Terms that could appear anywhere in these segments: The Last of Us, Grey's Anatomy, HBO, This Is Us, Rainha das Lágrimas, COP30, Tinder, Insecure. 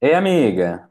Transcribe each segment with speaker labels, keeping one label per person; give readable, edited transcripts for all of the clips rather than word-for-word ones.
Speaker 1: Ei, amiga.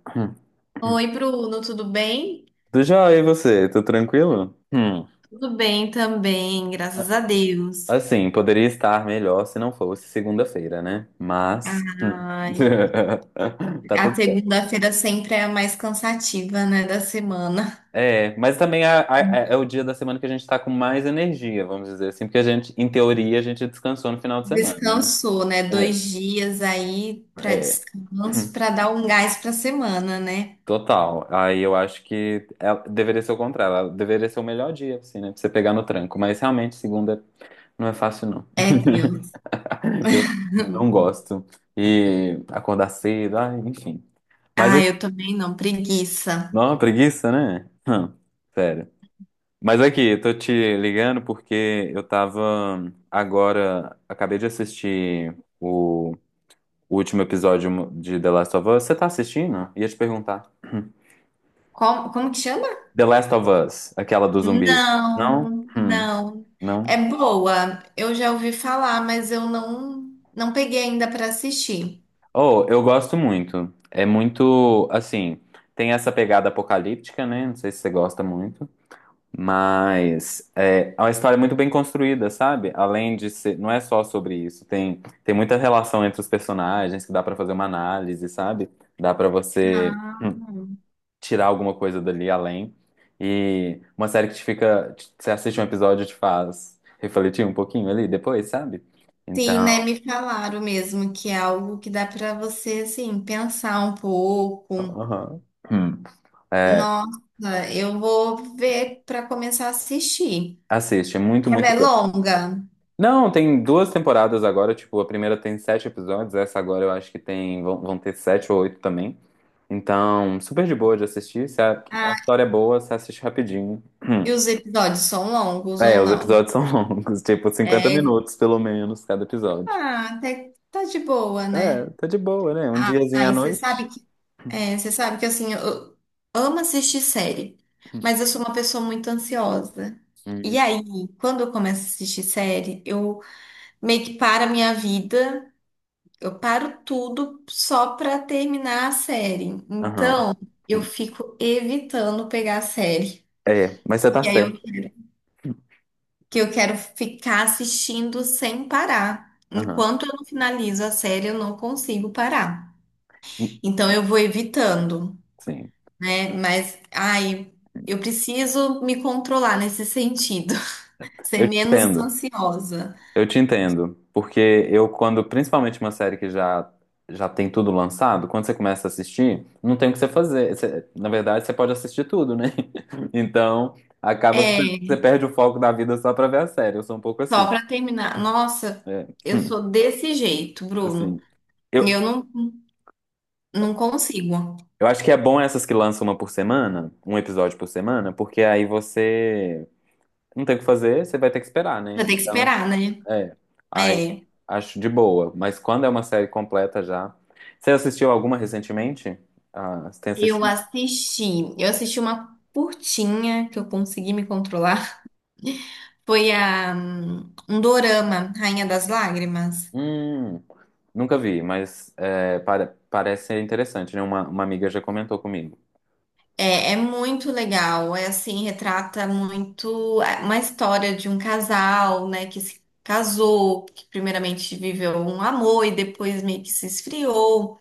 Speaker 2: Oi, Bruno, tudo bem?
Speaker 1: Tudo jóia, e você? Tudo tranquilo? Hum.
Speaker 2: Tudo bem também, graças
Speaker 1: A-
Speaker 2: a Deus.
Speaker 1: Assim, poderia estar melhor se não fosse segunda-feira, né? Mas.
Speaker 2: Ai,
Speaker 1: Tá
Speaker 2: a
Speaker 1: tudo certo.
Speaker 2: segunda-feira sempre é a mais cansativa, né, da semana.
Speaker 1: É, mas também é o dia da semana que a gente tá com mais energia, vamos dizer assim, porque a gente, em teoria, a gente descansou no final de semana, né?
Speaker 2: Descansou, né? Dois dias aí para
Speaker 1: É, é,
Speaker 2: descanso, para dar um gás para a semana, né?
Speaker 1: total. Aí eu acho que deveria ser o contrário, ela deveria ser o melhor dia, assim, né? Pra você pegar no tranco, mas realmente segunda não é fácil, não.
Speaker 2: É, tenso.
Speaker 1: Eu não gosto. E acordar cedo, ai, enfim. Mas
Speaker 2: Ah,
Speaker 1: aqui,
Speaker 2: eu também não, preguiça.
Speaker 1: não, preguiça, né? Sério. Mas aqui, tô te ligando porque eu tava agora, acabei de assistir o último episódio de The Last of Us. Você tá assistindo? Ia te perguntar.
Speaker 2: Como que chama?
Speaker 1: The Last of Us, aquela dos zumbis. Não?
Speaker 2: Não, não.
Speaker 1: Não.
Speaker 2: É boa. Eu já ouvi falar, mas eu não peguei ainda para assistir.
Speaker 1: Oh, eu gosto muito. É muito, assim, tem essa pegada apocalíptica, né? Não sei se você gosta muito. Mas é uma história muito bem construída, sabe? Além de ser, não é só sobre isso, tem muita relação entre os personagens que dá pra fazer uma análise, sabe? Dá pra você tirar alguma coisa dali além. E uma série que te fica, você assiste um episódio e te faz refletir um pouquinho ali depois, sabe?
Speaker 2: Sim,
Speaker 1: Então,
Speaker 2: né? Me falaram mesmo que é algo que dá para você, assim, pensar um pouco.
Speaker 1: aham. Hum. É,
Speaker 2: Nossa, eu vou ver para começar a assistir.
Speaker 1: assiste, é muito,
Speaker 2: Ela
Speaker 1: muito
Speaker 2: é
Speaker 1: bom.
Speaker 2: longa?
Speaker 1: Não, tem duas temporadas agora, tipo, a primeira tem sete episódios, essa agora eu acho que tem, vão ter sete ou oito também. Então, super de boa de assistir. Se a
Speaker 2: Ah,
Speaker 1: história é boa, você assiste rapidinho.
Speaker 2: e os episódios são longos ou
Speaker 1: É, os
Speaker 2: não?
Speaker 1: episódios são longos, tipo cinquenta
Speaker 2: É,
Speaker 1: minutos pelo menos cada episódio.
Speaker 2: ah, até que tá de boa,
Speaker 1: É,
Speaker 2: né?
Speaker 1: tá de boa, né? Um diazinho
Speaker 2: Ah,
Speaker 1: à
Speaker 2: e você sabe
Speaker 1: noite.
Speaker 2: que, é, você sabe que, assim, eu amo assistir série, mas eu sou uma pessoa muito ansiosa. E
Speaker 1: Hum.
Speaker 2: aí, quando eu começo a assistir série, eu meio que para a minha vida. Eu paro tudo só pra terminar a série.
Speaker 1: Aham.
Speaker 2: Então, eu fico evitando pegar a série.
Speaker 1: É, mas você tá
Speaker 2: Porque aí eu
Speaker 1: certo.
Speaker 2: quero, que eu quero ficar assistindo sem parar.
Speaker 1: Aham.
Speaker 2: Enquanto eu não finalizo a série, eu não consigo parar. Então, eu vou evitando,
Speaker 1: Sim.
Speaker 2: né? Mas, ai, eu preciso me controlar nesse sentido. Ser
Speaker 1: Eu te
Speaker 2: menos
Speaker 1: entendo.
Speaker 2: ansiosa.
Speaker 1: Eu te entendo, porque eu quando, principalmente uma série que já tem tudo lançado, quando você começa a assistir, não tem o que você fazer. Na verdade, você pode assistir tudo, né? Então, acaba que você
Speaker 2: É,
Speaker 1: você perde o foco da vida só pra ver a série. Eu sou um pouco assim.
Speaker 2: só pra terminar. Nossa,
Speaker 1: É,
Speaker 2: eu sou desse jeito, Bruno.
Speaker 1: assim.
Speaker 2: Eu
Speaker 1: Eu,
Speaker 2: não, não consigo.
Speaker 1: eu acho que é bom essas que lançam uma por semana, um episódio por semana, porque aí você não tem o que fazer, você vai ter que esperar, né?
Speaker 2: Vai ter que
Speaker 1: Então,
Speaker 2: esperar, né?
Speaker 1: é, aí
Speaker 2: É.
Speaker 1: acho de boa, mas quando é uma série completa já. Você assistiu alguma recentemente? Ah, você tem
Speaker 2: Eu
Speaker 1: assistido?
Speaker 2: assisti. Eu assisti uma curtinha que eu consegui me controlar. Foi a, um dorama, Rainha das Lágrimas.
Speaker 1: Hum, nunca vi, mas é, parece ser interessante, né? Uma amiga já comentou comigo.
Speaker 2: É, é muito legal. É assim, retrata muito uma história de um casal, né, que se casou, que primeiramente viveu um amor e depois meio que se esfriou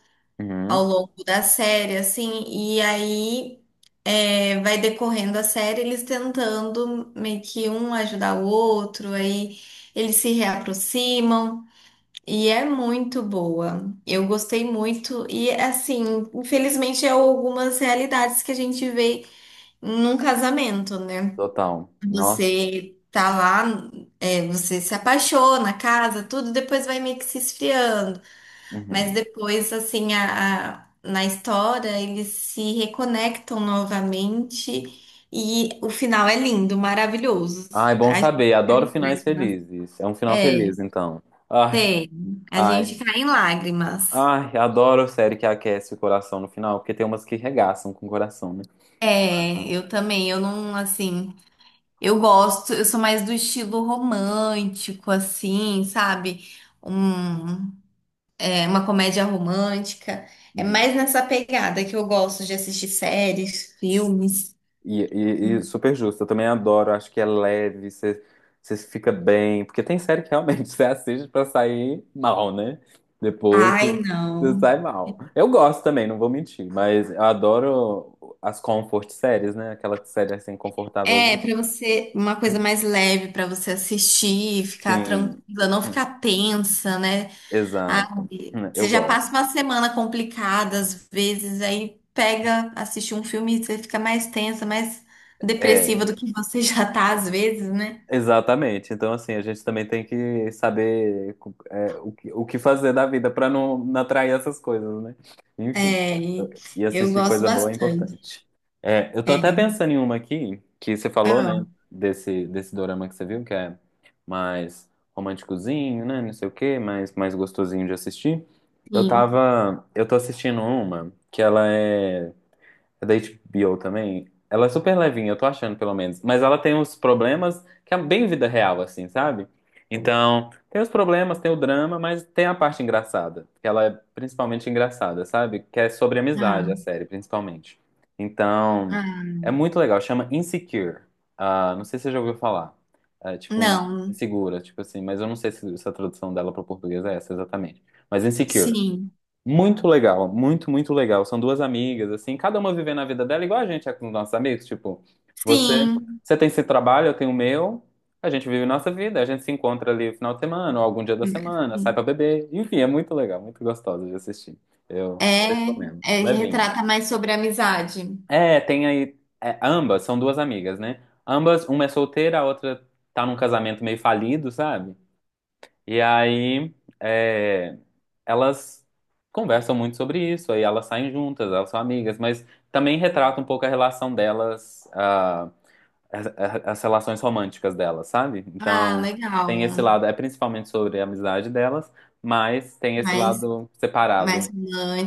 Speaker 2: ao
Speaker 1: Uhum,
Speaker 2: longo da série, assim, e aí é, vai decorrendo a série eles tentando meio que um ajudar o outro, aí eles se reaproximam. E é muito boa. Eu gostei muito. E assim, infelizmente é algumas realidades que a gente vê num casamento, né?
Speaker 1: total. Nossa.
Speaker 2: Você tá lá, é, você se apaixona, casa, tudo, depois vai meio que se esfriando. Mas
Speaker 1: Uhum.
Speaker 2: depois, assim, na história, eles se reconectam novamente e o final é lindo, maravilhoso.
Speaker 1: Ah, é bom
Speaker 2: A-
Speaker 1: saber. Adoro finais felizes. É um final
Speaker 2: é,
Speaker 1: feliz, então. Ai,
Speaker 2: tem. A gente
Speaker 1: ai,
Speaker 2: cai em lágrimas.
Speaker 1: ai, adoro série que aquece o coração no final, porque tem umas que regaçam com o coração, né?
Speaker 2: É, eu também, eu não, assim, eu gosto, eu sou mais do estilo romântico, assim, sabe? Um, é, uma comédia romântica. É
Speaker 1: Uhum.
Speaker 2: mais nessa pegada que eu gosto de assistir séries, filmes.
Speaker 1: E super justo, eu também adoro, acho que é leve, você fica bem, porque tem série que realmente você assiste pra sair mal, né? Depois
Speaker 2: Ai,
Speaker 1: você
Speaker 2: não.
Speaker 1: sai mal. Eu gosto também, não vou mentir, mas eu adoro as comfort séries, né? Aquela série assim,
Speaker 2: É,
Speaker 1: confortávelzinha.
Speaker 2: pra você, uma coisa mais leve pra você assistir, ficar
Speaker 1: Sim,
Speaker 2: tranquila, não ficar tensa, né? Ah,
Speaker 1: exato,
Speaker 2: você
Speaker 1: eu
Speaker 2: já passa
Speaker 1: gosto.
Speaker 2: uma semana complicada, às vezes, aí pega, assiste um filme e você fica mais tensa, mais depressiva
Speaker 1: É.
Speaker 2: do que você já tá, às vezes, né?
Speaker 1: Exatamente. Então, assim, a gente também tem que saber é, o que fazer da vida para não atrair essas coisas, né? Enfim,
Speaker 2: É, e
Speaker 1: e
Speaker 2: eu
Speaker 1: assistir
Speaker 2: gosto
Speaker 1: coisa boa é
Speaker 2: bastante.
Speaker 1: importante. É, eu tô
Speaker 2: É,
Speaker 1: até pensando em uma aqui, que você falou, né,
Speaker 2: ah,
Speaker 1: desse dorama que você viu, que é mais românticozinho, né, não sei o quê, mais, mais gostosinho de assistir. Eu
Speaker 2: sim.
Speaker 1: tava, eu tô assistindo uma que ela é da HBO também. Ela é super levinha, eu tô achando, pelo menos. Mas ela tem os problemas que é bem vida real, assim, sabe? Então, tem os problemas, tem o drama, mas tem a parte engraçada. Que ela é principalmente engraçada, sabe? Que é sobre amizade, a
Speaker 2: Ah,
Speaker 1: série, principalmente. Então,
Speaker 2: ah,
Speaker 1: é muito legal. Chama Insecure. Ah, não sei se você já ouviu falar. É, tipo,
Speaker 2: não,
Speaker 1: insegura, tipo assim. Mas eu não sei se a tradução dela para o português é essa exatamente. Mas Insecure.
Speaker 2: sim,
Speaker 1: Muito legal, muito, muito legal. São duas amigas, assim, cada uma vivendo a vida dela, igual a gente é com os nossos amigos. Tipo, você,
Speaker 2: sim,
Speaker 1: tem seu trabalho, eu tenho o meu, a gente vive nossa vida, a gente se encontra ali no final de semana, ou algum dia da semana, sai
Speaker 2: sim.
Speaker 1: pra beber. Enfim, é muito legal, muito gostoso de assistir. Eu
Speaker 2: É,
Speaker 1: super recomendo.
Speaker 2: é,
Speaker 1: Levinho.
Speaker 2: retrata mais sobre a amizade.
Speaker 1: É, tem aí. É, ambas são duas amigas, né? Ambas, uma é solteira, a outra tá num casamento meio falido, sabe? E aí, é, elas conversam muito sobre isso, aí elas saem juntas, elas são amigas, mas também retrata um pouco a relação delas, ah, as, as relações românticas delas, sabe?
Speaker 2: Ah,
Speaker 1: Então, tem esse
Speaker 2: legal.
Speaker 1: lado, é principalmente sobre a amizade delas, mas tem esse
Speaker 2: Mais,
Speaker 1: lado
Speaker 2: mais
Speaker 1: separado.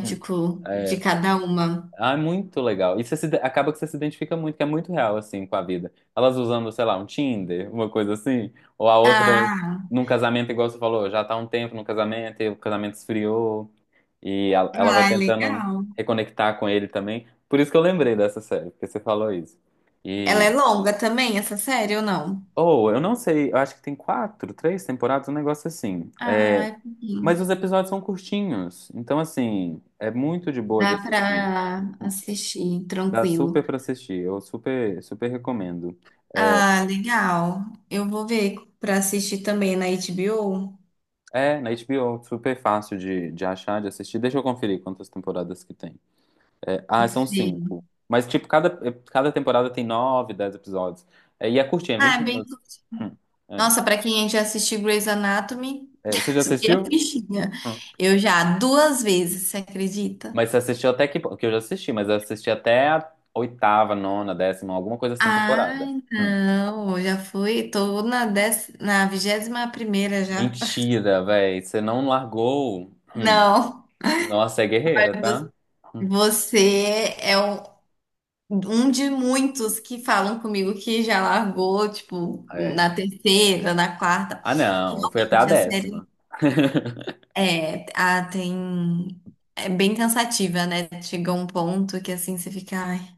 Speaker 1: Hum.
Speaker 2: de
Speaker 1: É,
Speaker 2: cada uma.
Speaker 1: ah, é muito legal. E você se, acaba que você se identifica muito, que é muito real, assim, com a vida. Elas usando, sei lá, um Tinder, uma coisa assim, ou a outra
Speaker 2: Ah,
Speaker 1: num casamento, igual você falou, já tá há um tempo no casamento, e o casamento esfriou, e ela vai
Speaker 2: ah, é
Speaker 1: tentando
Speaker 2: legal.
Speaker 1: reconectar com ele também. Por isso que eu lembrei dessa série, porque você falou isso.
Speaker 2: Ela
Speaker 1: E,
Speaker 2: é longa também, essa série ou não?
Speaker 1: ou, eu não sei, eu acho que tem quatro, três temporadas, um negócio assim.
Speaker 2: Ah,
Speaker 1: É,
Speaker 2: é
Speaker 1: mas
Speaker 2: pouquinho.
Speaker 1: os episódios são curtinhos, então, assim, é muito de boa de
Speaker 2: Dá
Speaker 1: assistir.
Speaker 2: pra assistir
Speaker 1: Dá
Speaker 2: tranquilo.
Speaker 1: super pra assistir, eu super, super recomendo. É,
Speaker 2: Ah, legal. Eu vou ver pra assistir também na HBO.
Speaker 1: é, na HBO, super fácil de achar, de assistir. Deixa eu conferir quantas temporadas que tem. É, ah, são cinco.
Speaker 2: Sim.
Speaker 1: Mas, tipo, cada, cada temporada tem nove, dez episódios. É, e é curtinha,
Speaker 2: Ah,
Speaker 1: 20
Speaker 2: é bem.
Speaker 1: minutos. Hum, é.
Speaker 2: Nossa, pra quem já assistiu Grey's Anatomy,
Speaker 1: É, você já
Speaker 2: subir a
Speaker 1: assistiu?
Speaker 2: fichinha.
Speaker 1: Hum.
Speaker 2: Eu já duas vezes, você acredita?
Speaker 1: Mas você assistiu até que... Que eu já assisti, mas eu assisti até a oitava, nona, décima, alguma coisa assim, temporada.
Speaker 2: Ai,
Speaker 1: Hum.
Speaker 2: não, já fui, tô na dez, na vigésima primeira já.
Speaker 1: Mentira, velho. Você não largou. Hum.
Speaker 2: Não,
Speaker 1: Nossa, é guerreira, tá? Hum.
Speaker 2: você é um de muitos que falam comigo que já largou, tipo,
Speaker 1: É,
Speaker 2: na terceira, na quarta.
Speaker 1: ah, não, eu fui até a
Speaker 2: Realmente, a série
Speaker 1: décima.
Speaker 2: é, a, tem, é bem cansativa, né? Chega um ponto que assim você fica, ai,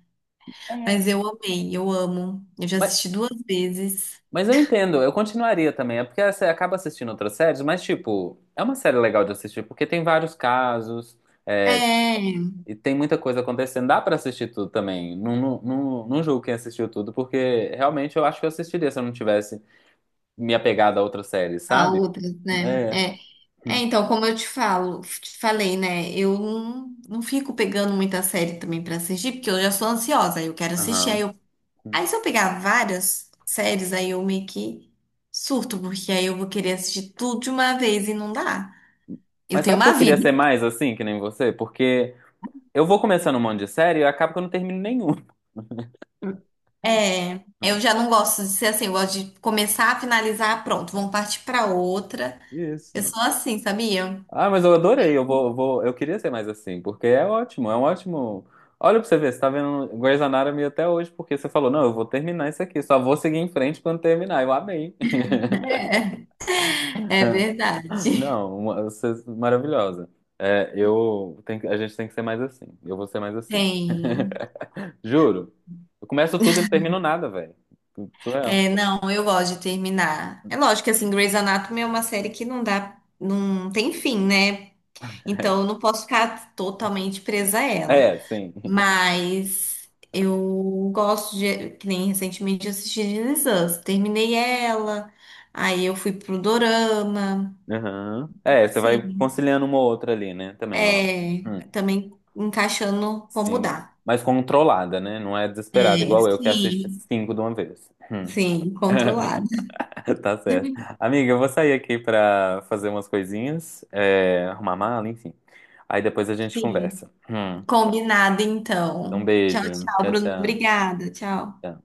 Speaker 1: É,
Speaker 2: mas eu amei, eu amo. Eu já
Speaker 1: Mas,
Speaker 2: assisti duas vezes.
Speaker 1: mas eu entendo, eu continuaria também. É porque você acaba assistindo outras séries, mas, tipo, é uma série legal de assistir, porque tem vários casos, é,
Speaker 2: É,
Speaker 1: e tem muita coisa acontecendo. Dá pra assistir tudo também. Não, não, não, não julgo quem assistiu tudo, porque realmente eu acho que eu assistiria se eu não tivesse me apegado a outras séries,
Speaker 2: a
Speaker 1: sabe?
Speaker 2: outras, né?
Speaker 1: É.
Speaker 2: É, É,
Speaker 1: Hum.
Speaker 2: então, como eu te falei, né? Eu não fico pegando muita série também pra assistir, porque eu já sou ansiosa, aí eu quero assistir, aí
Speaker 1: Aham.
Speaker 2: eu... Aí se eu pegar várias séries, aí eu meio que surto, porque aí eu vou querer assistir tudo de uma vez e não dá. Eu
Speaker 1: Mas
Speaker 2: tenho
Speaker 1: sabe que eu
Speaker 2: uma
Speaker 1: queria
Speaker 2: vida.
Speaker 1: ser mais assim, que nem você? Porque eu vou começando um monte de série e acaba que eu não termino nenhum.
Speaker 2: É, eu já não gosto de ser assim, eu gosto de começar, finalizar, pronto, vamos partir pra outra. Eu
Speaker 1: Isso.
Speaker 2: sou assim, sabia?
Speaker 1: Ah, mas eu adorei. Eu queria ser mais assim, porque é ótimo, é um ótimo. Olha pra você ver, você tá vendo Grey's Anatomy até hoje, porque você falou, não, eu vou terminar isso aqui, só vou seguir em frente quando terminar. Eu amei.
Speaker 2: É verdade.
Speaker 1: Não, você é maravilhosa. É, a gente tem que ser mais assim. Eu vou ser mais assim.
Speaker 2: Tem.
Speaker 1: Juro. Eu começo tudo e não termino nada, velho. Surreal.
Speaker 2: É, não, eu gosto de terminar. É lógico que assim, Grey's Anatomy é uma série que não dá, não tem fim, né? Então eu não posso ficar totalmente presa a ela.
Speaker 1: É, é, sim.
Speaker 2: Mas eu gosto de, que nem recentemente eu assisti This Is Us. Terminei ela, aí eu fui pro Dorama.
Speaker 1: Aham.
Speaker 2: Então,
Speaker 1: É, você vai
Speaker 2: assim,
Speaker 1: conciliando uma ou outra ali, né? Também, ó.
Speaker 2: é,
Speaker 1: Hum.
Speaker 2: também encaixando como
Speaker 1: Sim,
Speaker 2: dá.
Speaker 1: mas controlada, né? Não é desesperada,
Speaker 2: É,
Speaker 1: igual eu que assiste
Speaker 2: sim,
Speaker 1: cinco de uma vez. Hum.
Speaker 2: sim, controlado.
Speaker 1: Tá certo. Amiga, eu vou sair aqui pra fazer umas coisinhas, é, arrumar mala, enfim. Aí depois a gente
Speaker 2: Sim.
Speaker 1: conversa.
Speaker 2: Combinado,
Speaker 1: Então,
Speaker 2: então. Tchau,
Speaker 1: beijo.
Speaker 2: tchau,
Speaker 1: Tchau,
Speaker 2: Bruno.
Speaker 1: tchau.
Speaker 2: Obrigada. Tchau.
Speaker 1: Tchau.